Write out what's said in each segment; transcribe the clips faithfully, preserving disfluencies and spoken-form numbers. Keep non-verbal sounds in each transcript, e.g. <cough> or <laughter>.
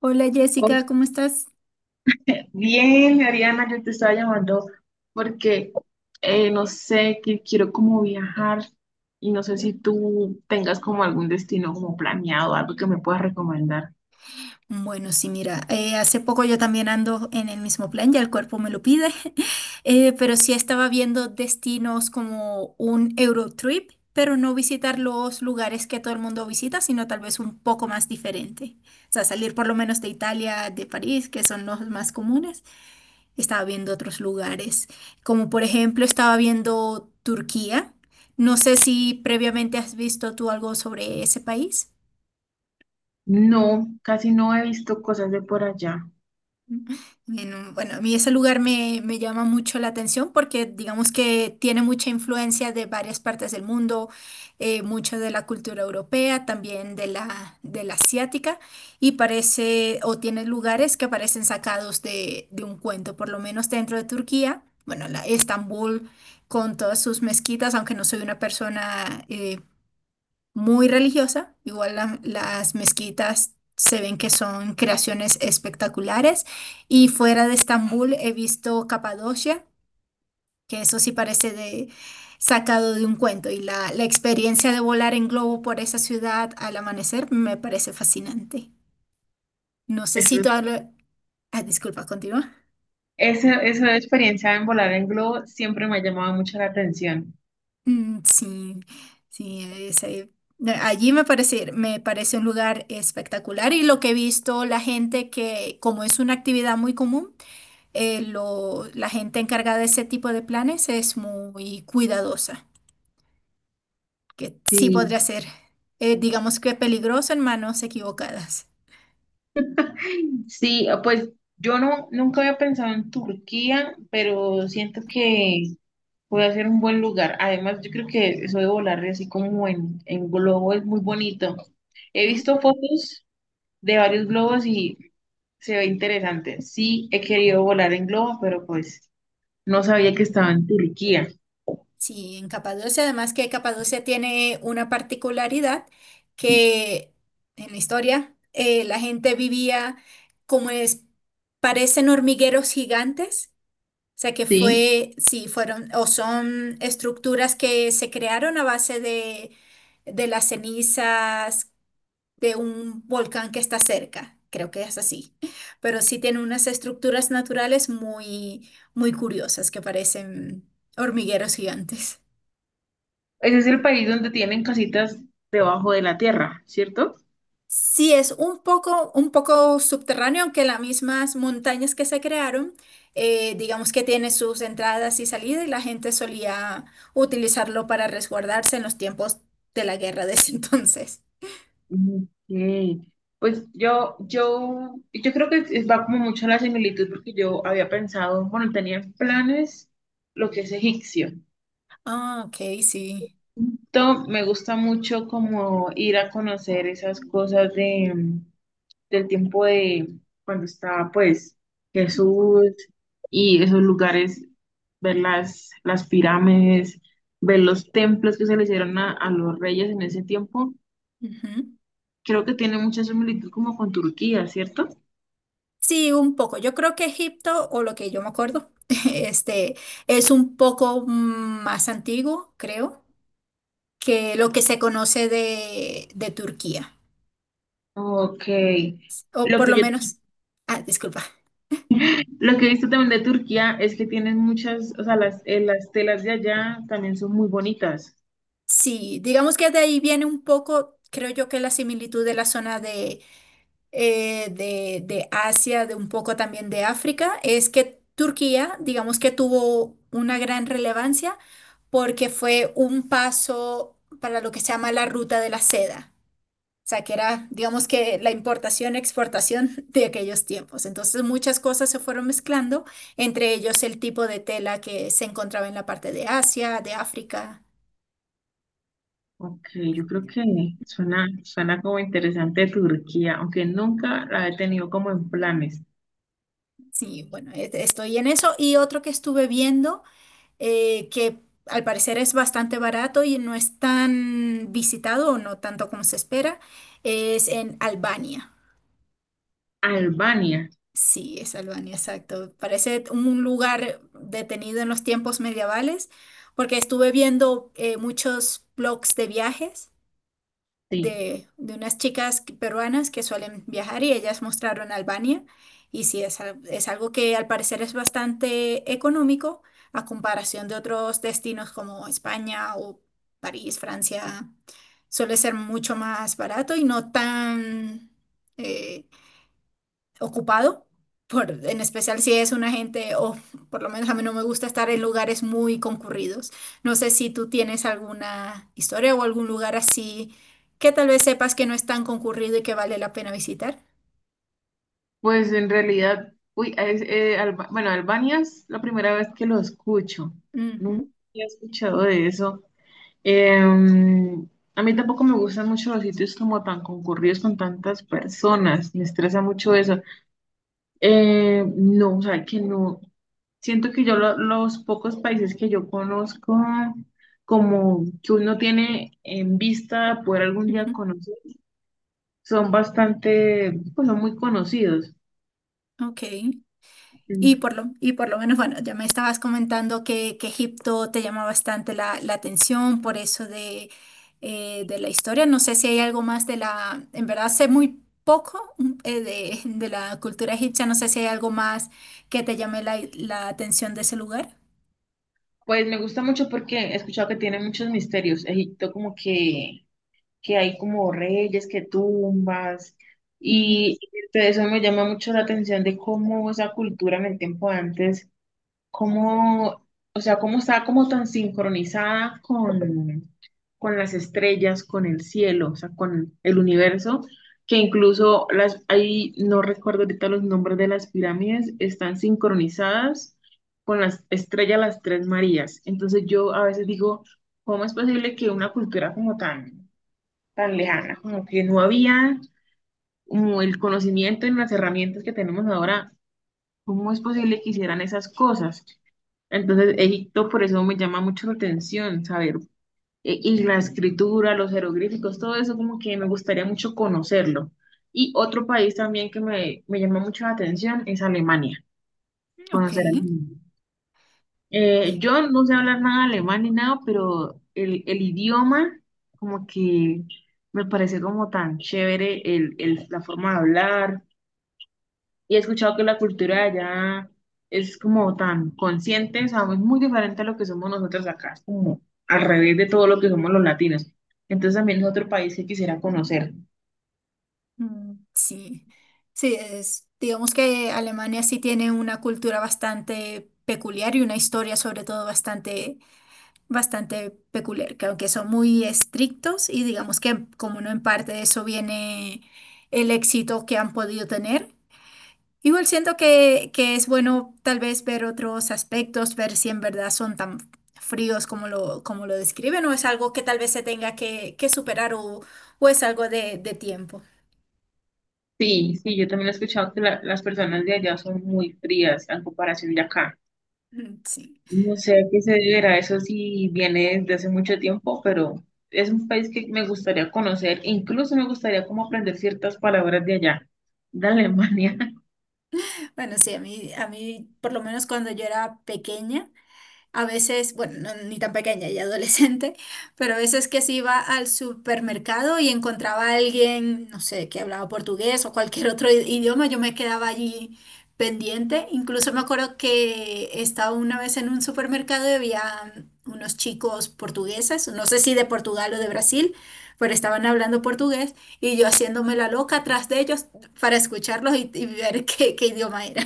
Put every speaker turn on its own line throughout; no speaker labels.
Hola
Oh,
Jessica, ¿cómo estás?
bien, Ariana, yo te estaba llamando porque eh, no sé, que quiero como viajar y no sé si tú tengas como algún destino como planeado, algo que me puedas recomendar.
Bueno, sí, mira, eh, hace poco yo también ando en el mismo plan, ya el cuerpo me lo pide, <laughs> eh, pero sí estaba viendo destinos como un Eurotrip, pero no visitar los lugares que todo el mundo visita, sino tal vez un poco más diferente. O sea, salir por lo menos de Italia, de París, que son los más comunes. Estaba viendo otros lugares, como por ejemplo estaba viendo Turquía. No sé si previamente has visto tú algo sobre ese país.
No, casi no he visto cosas de por allá.
En un- bueno, a mí ese lugar me, me llama mucho la atención porque digamos que tiene mucha influencia de varias partes del mundo, eh, mucho de la cultura europea, también de la, de la asiática, y parece, o tiene lugares que parecen sacados de, de un cuento, por lo menos dentro de Turquía, bueno, la Estambul con todas sus mezquitas, aunque no soy una persona eh, muy religiosa. Igual la- las mezquitas se ven que son creaciones espectaculares. Y fuera de Estambul he visto Capadocia, que eso sí parece de, sacado de un cuento. Y la, la experiencia de volar en globo por esa ciudad al amanecer me parece fascinante. No sé si
Eso,
tú hablo- ah, disculpa, continúa.
esa, esa experiencia en volar en globo siempre me ha llamado mucho la atención.
Mm, sí, sí, es, eh, allí me parece, me parece un lugar espectacular y lo que he visto, la gente que, como es una actividad muy común, eh, lo, la gente encargada de ese tipo de planes es muy cuidadosa, que sí podría
Sí.
ser, eh, digamos que peligroso en manos equivocadas.
Sí, pues yo no, nunca había pensado en Turquía, pero siento que puede ser un buen lugar. Además, yo creo que eso de volar así como en, en globo es muy bonito. He visto fotos de varios globos y se ve interesante. Sí, he querido volar en globo, pero pues no sabía que
¿Mm?
estaba en Turquía.
Sí, en Capadocia, además que Capadocia tiene una particularidad que en la historia eh, la gente vivía como es, parecen hormigueros gigantes, o sea que
Sí,
fue, sí, fueron o son estructuras que se crearon a base de, de las cenizas de un volcán que está cerca, creo que es así, pero sí tiene unas estructuras naturales muy, muy curiosas que parecen hormigueros gigantes.
ese es el país donde tienen casitas debajo de la tierra, ¿cierto?
Sí, es un poco, un poco subterráneo, aunque las mismas montañas que se crearon, eh, digamos que tiene sus entradas y salidas y la gente solía utilizarlo para resguardarse en los tiempos de la guerra de ese <laughs> entonces.
Ok. Pues yo, yo, yo creo que es- va como mucho a la similitud porque yo había pensado, bueno, tenía en planes lo que es egipcio.
Ah, ok, sí.
Entonces, me gusta mucho como ir a conocer esas cosas de, del tiempo de cuando estaba pues
Mm,
Jesús y esos lugares, ver las, las pirámides, ver los templos que se le hicieron a, a los reyes en ese tiempo.
ujú.
Creo que tiene mucha similitud como con Turquía, ¿cierto?
Sí, un poco. Yo creo que Egipto, o lo que yo me acuerdo, <laughs> este, es un poco más antiguo, creo, que lo que se conoce de, de Turquía,
Ok.
o
Lo
por
que
lo
yo,
menos, ah, disculpa.
lo que he visto también de Turquía es que tienen muchas, o sea, las, eh, las telas de allá también son muy bonitas.
Sí, digamos que de ahí viene un poco, creo yo que la similitud de la zona de, eh, de, de Asia, de un poco también de África, es que Turquía, digamos que tuvo una gran relevancia porque fue un paso para lo que se llama la ruta de la seda. O sea, que era, digamos que la importación, exportación <laughs> de aquellos tiempos. Entonces muchas cosas se fueron mezclando, entre ellos el tipo de tela que se encontraba en la parte de Asia, de África.
Ok, yo creo que suena, suena como interesante Turquía, aunque nunca la he tenido como en planes.
Sí, bueno, e- estoy en eso. Y otro que estuve viendo, eh, que al parecer es bastante barato y no es tan visitado o no tanto como se espera, es en Albania.
Albania,
Sí, es Albania, exacto. Parece un lugar detenido en los tiempos medievales, porque estuve viendo eh, muchos blogs de viajes.
sí.
de, de unas chicas que- peruanas que suelen viajar y ellas mostraron Albania. Y sí, es, al- es algo que al parecer es bastante económico a comparación de otros destinos como España o París, Francia. Suele ser mucho más barato y no tan, eh, ocupado, por, en especial si es una gente, o por lo menos a mí no me gusta estar en lugares muy concurridos. No sé si tú tienes alguna historia o algún lugar así que tal vez sepas que no es tan concurrido y que vale la pena visitar.
Pues en realidad, uy, es, eh, Alba- bueno, Albania es la primera vez que lo escucho. Nunca
Ujú,
había escuchado de eso. Em, a mí tampoco me gustan mucho los sitios como tan concurridos con tantas personas, me estresa mucho eso. Eh, no, o sea, que no, siento que yo lo- los pocos países que yo conozco, como que uno tiene en vista poder algún día
ujú,
conocer, son bastante, pues son muy conocidos.
ok. Y
Mm.
por lo, y por lo menos, bueno, ya me estabas comentando que, que Egipto te llama bastante la, la atención por eso de, eh, de la historia. No sé si hay algo más de la, en verdad sé muy poco mm, eh, de, de la cultura egipcia, no sé si hay algo más que te llame la, la atención de ese lugar.
Pues me gusta mucho porque he escuchado que tiene muchos misterios. Egipto como que que hay como reyes, que tumbas,
Mm,
y eso me llama mucho la atención de cómo esa cultura en el tiempo de antes, cómo, o sea, cómo estaba como tan sincronizada con, con las estrellas, con el cielo, o sea, con el universo, que incluso las, ahí no recuerdo ahorita los nombres de las pirámides, están sincronizadas con las estrellas, las tres Marías. Entonces yo a veces digo, ¿cómo es posible que una cultura como tan tan lejana, como que no había como el conocimiento en las herramientas que tenemos ahora, cómo es posible que hicieran esas cosas? Entonces, Egipto por eso me llama mucho la atención saber, e- y la escritura, los jeroglíficos, todo eso como que me gustaría mucho conocerlo. Y otro país también que me, me llama mucho la atención es Alemania,
ok,
conocer Alemania. Eh, yo no sé hablar nada alemán ni nada, pero el, el idioma como que me parece como tan chévere el, el- la forma de hablar. Y he escuchado que la cultura de allá es como tan consciente, o sea, es muy diferente a lo que somos nosotros acá, es como al revés de todo lo que somos los latinos. Entonces también es otro país que quisiera conocer.
mm, sí, sí, es, digamos que Alemania sí tiene una cultura bastante peculiar y una historia sobre todo bastante bastante peculiar, que aunque son muy estrictos y digamos que como no en parte de eso viene el éxito que han podido tener, igual siento que, que es bueno tal vez ver otros aspectos, ver si en verdad son tan fríos como lo, como lo describen o es algo que tal vez se tenga que, que superar o, o es algo de, de tiempo. <laughs>
Sí, sí, yo también he escuchado que la- las personas de allá son muy frías en comparación de acá.
Mm, sí,
No sé a qué se deberá, eso sí viene desde hace mucho tiempo, pero es un país que me gustaría conocer, e incluso me gustaría como aprender ciertas palabras de allá, de Alemania. <laughs>
bueno, sí, a mí, a mí, por lo menos cuando yo era pequeña, a veces, bueno, no- ni tan pequeña y adolescente, <laughs> pero a veces que sí iba al supermercado y encontraba a alguien, no sé, que hablaba portugués o cualquier <laughs> otro i- idioma, yo me quedaba allí pendiente. Incluso me acuerdo que estaba una vez en un supermercado y había mm, unos chicos portugueses, no sé si de Portugal o de Brasil, pero estaban hablando portugués y yo haciéndome la loca atrás de ellos para escucharlos y, y ver <laughs> qué, qué idioma era.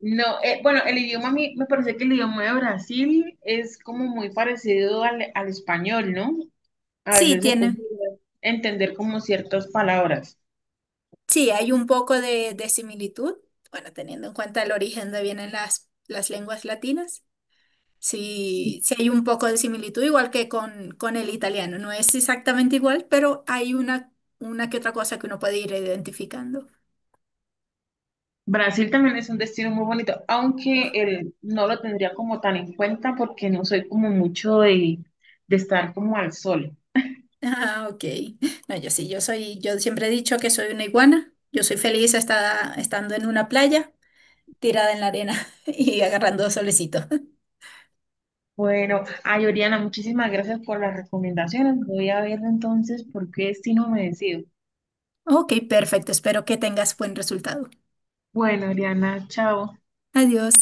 No, eh, bueno, el idioma a mí me parece que el idioma de Brasil es como muy parecido al, al español, ¿no? A
Sí,
veces se puede
tienen.
entender como ciertas palabras.
Sí, hay un poco de, de similitud, bueno, teniendo en cuenta el origen de vienen las, las lenguas latinas. Sí, sí hay un poco de similitud, igual que con, con el italiano. No es exactamente igual, pero hay una, una que otra cosa que uno puede ir identificando. <laughs>
Brasil también es un destino muy bonito, aunque el, no lo tendría como tan en cuenta porque no soy como mucho de, de estar como al sol.
Ah, ok. No, yo sí, yo soy, yo siempre he dicho que soy una iguana. Yo soy feliz esta- estando en una playa, tirada en la arena <laughs> y agarrando solecito.
Bueno, ay, Oriana, muchísimas gracias por las recomendaciones. Voy a ver entonces por qué si no me decido.
Ok, perfecto. Espero que tengas buen resultado.
Bueno, Oriana, chao.
Adiós.